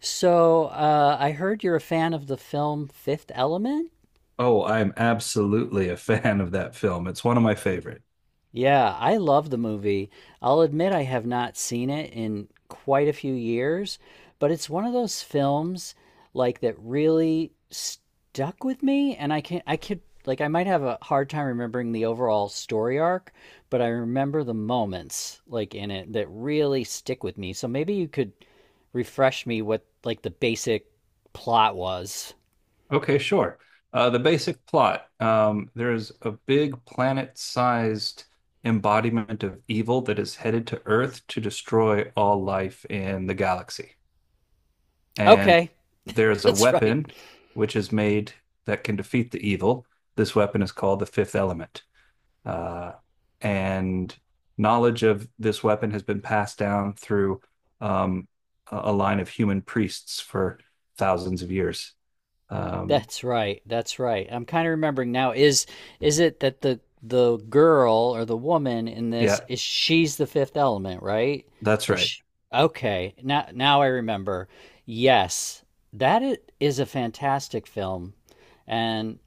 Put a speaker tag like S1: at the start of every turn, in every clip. S1: So I heard you're a fan of the film Fifth Element?
S2: Oh, I'm absolutely a fan of that film. It's one of my favorite.
S1: Yeah, I love the movie. I'll admit I have not seen it in quite a few years, but it's one of those films like that really stuck with me and I can I could like I might have a hard time remembering the overall story arc, but I remember the moments like in it that really stick with me. So maybe you could refresh me what like the basic plot was.
S2: Okay, sure. The basic plot. There's a big planet-sized embodiment of evil that is headed to Earth to destroy all life in the galaxy. And
S1: Okay,
S2: there's a
S1: that's right.
S2: weapon which is made that can defeat the evil. This weapon is called the Fifth Element. Uh, and knowledge of this weapon has been passed down through um, a line of human priests for thousands of years. Um,
S1: That's right. That's right. I'm kind of remembering now. Is it that the girl or the woman in this
S2: yeah,
S1: is she's the fifth element, right?
S2: that's
S1: Or
S2: right.
S1: she, okay, now I remember. Yes, is a fantastic film, and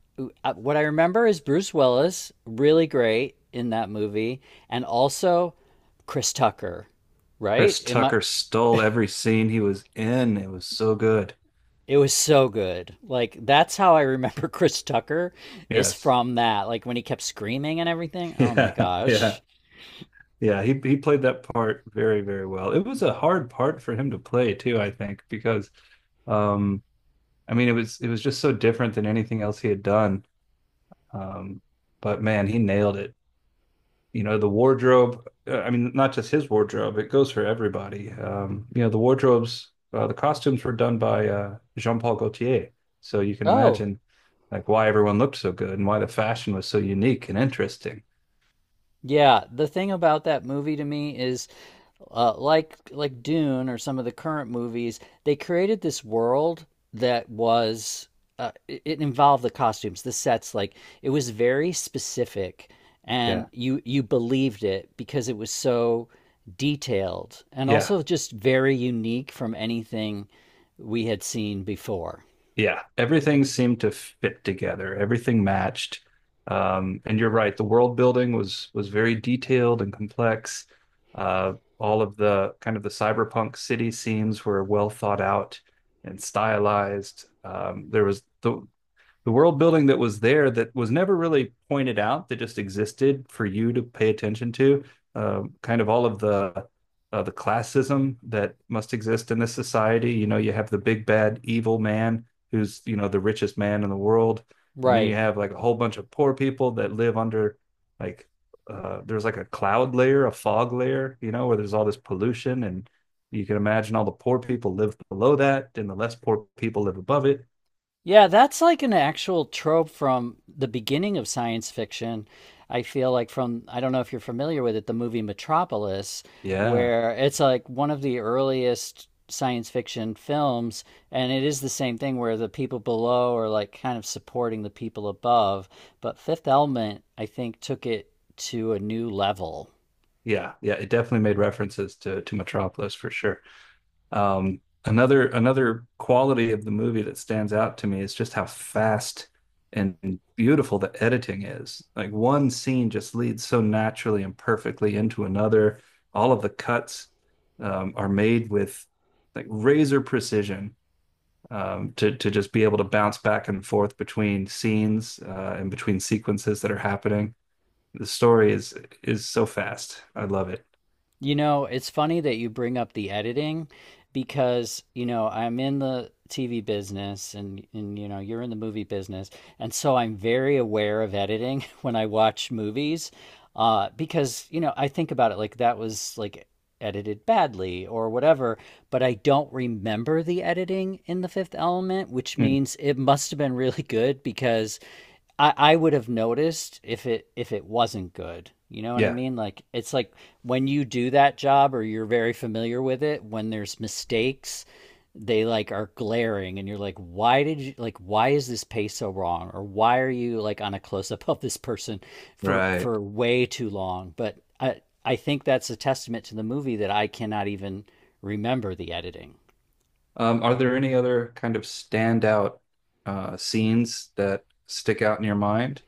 S1: what I remember is Bruce Willis really great in that movie, and also Chris Tucker, right?
S2: Chris
S1: Am I
S2: Tucker stole every scene he was in. It was so good.
S1: It was so good. Like that's how I remember Chris Tucker is
S2: Yes.
S1: from that. Like when he kept screaming and everything. Oh my
S2: Yeah. Yeah.
S1: gosh.
S2: Yeah. He played that part very, very well. It was a hard part for him to play too, I think, because um, I mean, it was just so different than anything else he had done. Um, but man, he nailed it. You know, the wardrobe, I mean, not just his wardrobe, it goes for everybody. You know, the wardrobes, the costumes were done by Jean-Paul Gaultier. So you can
S1: Oh,
S2: imagine like why everyone looked so good and why the fashion was so unique and interesting.
S1: yeah, the thing about that movie to me is like Dune or some of the current movies, they created this world that was it involved the costumes, the sets. Like it was very specific,
S2: Yeah.
S1: and you believed it because it was so detailed and
S2: Yeah.
S1: also just very unique from anything we had seen before.
S2: Yeah, everything seemed to fit together. Everything matched. And you're right, the world building was very detailed and complex. All of the kind of the cyberpunk city scenes were well thought out and stylized. There was the world building that was there that was never really pointed out that just existed for you to pay attention to, kind of all of the classism that must exist in this society. You know, you have the big bad evil man who's, you know, the richest man in the world, and then you
S1: Right.
S2: have like a whole bunch of poor people that live under, like, there's like a cloud layer, a fog layer, you know, where there's all this pollution, and you can imagine all the poor people live below that and the less poor people live above it.
S1: Yeah, that's like an actual trope from the beginning of science fiction. I feel like from, I don't know if you're familiar with it, the movie Metropolis,
S2: Yeah.
S1: where it's like one of the earliest science fiction films, and it is the same thing where the people below are like kind of supporting the people above. But Fifth Element, I think, took it to a new level.
S2: Yeah, yeah, it definitely made references to Metropolis for sure. Um, another quality of the movie that stands out to me is just how fast and beautiful the editing is. Like one scene just leads so naturally and perfectly into another. All of the cuts, are made with like razor precision, to just be able to bounce back and forth between scenes, and between sequences that are happening. The story is so fast. I love it.
S1: You know, it's funny that you bring up the editing because, you know, I'm in the TV business and you know, you're in the movie business. And so I'm very aware of editing when I watch movies because, you know, I think about it like that was like edited badly or whatever but I don't remember the editing in The Fifth Element, which means it must have been really good because I would have noticed if it wasn't good. You know what I
S2: Yeah,
S1: mean? Like it's like when you do that job or you're very familiar with it, when there's mistakes, they like are glaring and you're like why did you like why is this pace so wrong or why are you like on a close up of this person for
S2: right.
S1: for way too long but I think that's a testament to the movie that I cannot even remember the editing.
S2: Are there any other kind of standout scenes that stick out in your mind?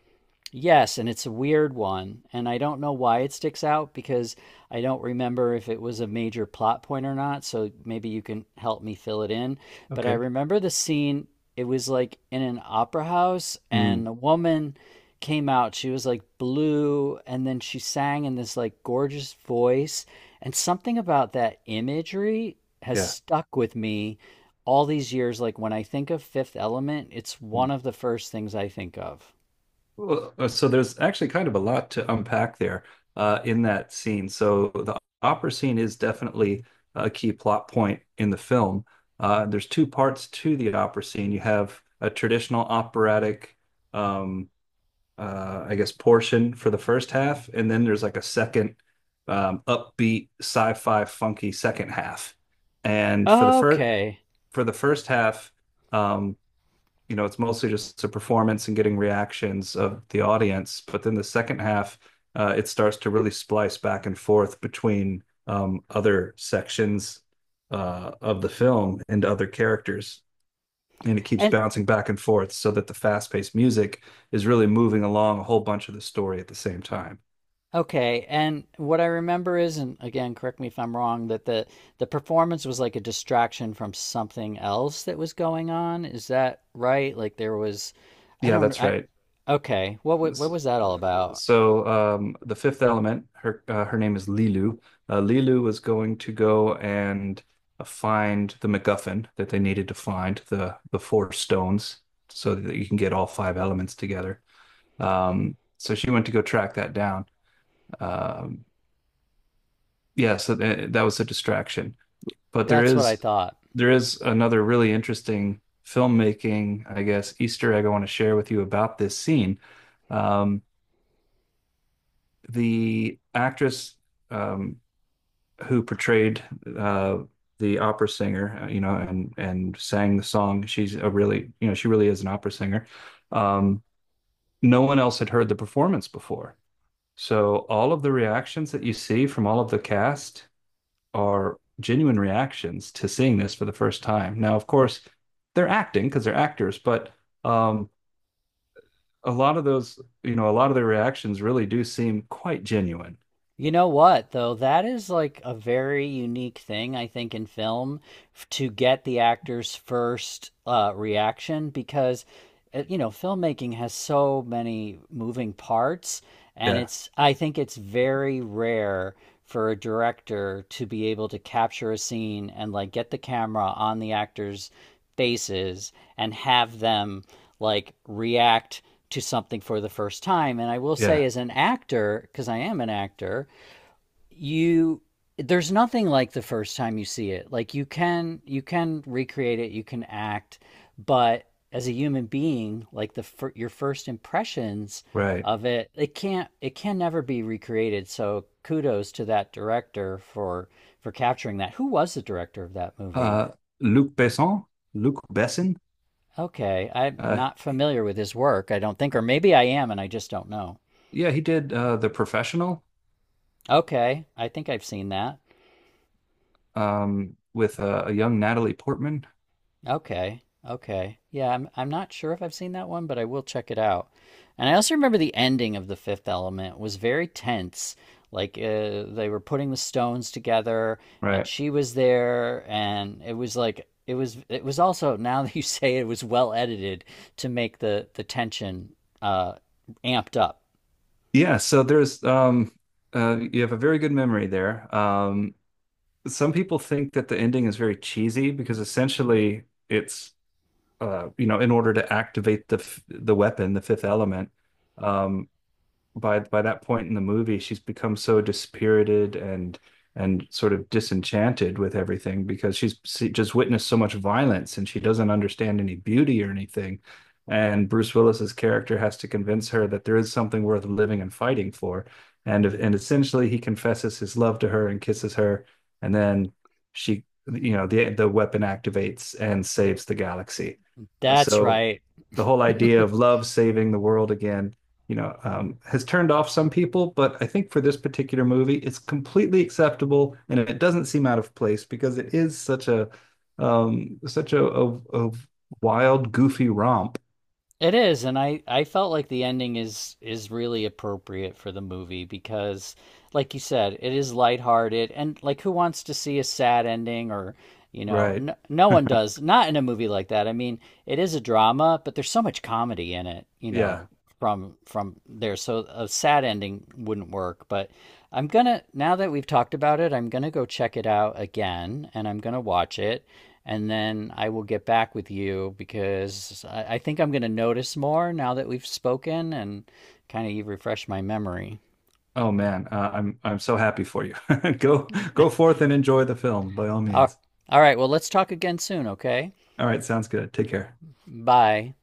S1: Yes, and it's a weird one, and I don't know why it sticks out because I don't remember if it was a major plot point or not, so maybe you can help me fill it in. But I
S2: Okay.
S1: remember the scene, it was like in an opera house,
S2: Mm,
S1: and a woman came out. She was like blue, and then she sang in this like gorgeous voice, and something about that imagery has
S2: yeah.
S1: stuck with me all these years. Like when I think of Fifth Element, it's
S2: Mm.
S1: one of the first things I think of.
S2: Well, so there's actually kind of a lot to unpack there in that scene. So the opera scene is definitely a key plot point in the film. There's two parts to the opera scene. You have a traditional operatic, um, I guess, portion for the first half, and then there's like a second, upbeat sci-fi funky second half. And
S1: Okay.
S2: for the first half, um, you know, it's mostly just a performance and getting reactions of the audience. But then the second half, it starts to really splice back and forth between, other sections of the film and other characters, and it keeps
S1: And
S2: bouncing back and forth so that the fast-paced music is really moving along a whole bunch of the story at the same time.
S1: okay, and what I remember is, and again, correct me if I'm wrong, that the performance was like a distraction from something else that was going on. Is that right? Like there was, I
S2: Yeah,
S1: don't,
S2: that's
S1: I
S2: right.
S1: Okay.
S2: S-
S1: What was that all
S2: uh,
S1: about?
S2: The fifth element, her her name is Lilu. Lilu was going to go and find the MacGuffin that they needed to find the four stones so that you can get all five elements together. So she went to go track that down. Um, yeah, so th that was a distraction. But
S1: That's what I thought.
S2: there is another really interesting filmmaking, I guess, Easter egg I want to share with you about this scene. Um, the actress, um, who portrayed uh, the opera singer, you know, and sang the song, she's a really, you know, she really is an opera singer. Um, no one else had heard the performance before. So all of the reactions that you see from all of the cast are genuine reactions to seeing this for the first time. Now, of course, they're acting because they're actors, but, um, a lot of those, you know, a lot of their reactions really do seem quite genuine.
S1: You know what, though? That is like a very unique thing, I think, in film to get the actor's first reaction because, you know, filmmaking has so many moving parts.
S2: Yeah,
S1: I think it's very rare for a director to be able to capture a scene and like get the camera on the actor's faces and have them like react to something for the first time. And I will say,
S2: yeah,
S1: as an actor, because I am an actor, you there's nothing like the first time you see it. Like you can recreate it, you can act, but as a human being, your first impressions
S2: right.
S1: of it, it can't it can never be recreated. So kudos to that director for capturing that. Who was the director of that movie?
S2: Uh, Luc Besson, Luc Besson,
S1: Okay, I'm
S2: uh,
S1: not familiar with his work, I don't think, or maybe I am and I just don't know.
S2: yeah, he did The Professional,
S1: Okay, I think I've seen that.
S2: with a young Natalie Portman,
S1: Okay. Okay. Yeah, I'm not sure if I've seen that one, but I will check it out. And I also remember the ending of The Fifth Element was very tense. Like they were putting the stones together and
S2: right?
S1: she was there and it was like it was also now that you say it, it was well edited to make the tension uh amped up.
S2: Yeah, so there's you have a very good memory there. Some people think that the ending is very cheesy because essentially it's, you know, in order to activate the weapon, the fifth element, um, by that point in the movie, she's become so dispirited and sort of disenchanted with everything because she's just witnessed so much violence and she doesn't understand any beauty or anything. And Bruce Willis's character has to convince her that there is something worth living and fighting for. And essentially, he confesses his love to her and kisses her, and then she, you know, the weapon activates and saves the galaxy.
S1: That's
S2: So
S1: right.
S2: the whole idea of love saving the world again, you know, has turned off some people, but I think for this particular movie, it's completely acceptable and it doesn't seem out of place because it is such a, um, such a, a, a wild, goofy romp.
S1: It is, and I felt like the ending is really appropriate for the movie because, like you said, it is lighthearted and like who wants to see a sad ending or you know
S2: Right.
S1: no, no one does not in a movie like that. I mean, it is a drama, but there's so much comedy in it, you
S2: Yeah.
S1: know, from there. So a sad ending wouldn't work, but I'm gonna now that we've talked about it, I'm gonna go check it out again and I'm gonna watch it and then I will get back with you because I think I'm going to notice more now that we've spoken and kind of refresh my memory.
S2: Oh man, I'm so happy for you. Go forth and enjoy the film by all
S1: All,
S2: means.
S1: all right. Well, let's talk again soon. Okay.
S2: All right, sounds good. Take care.
S1: Bye.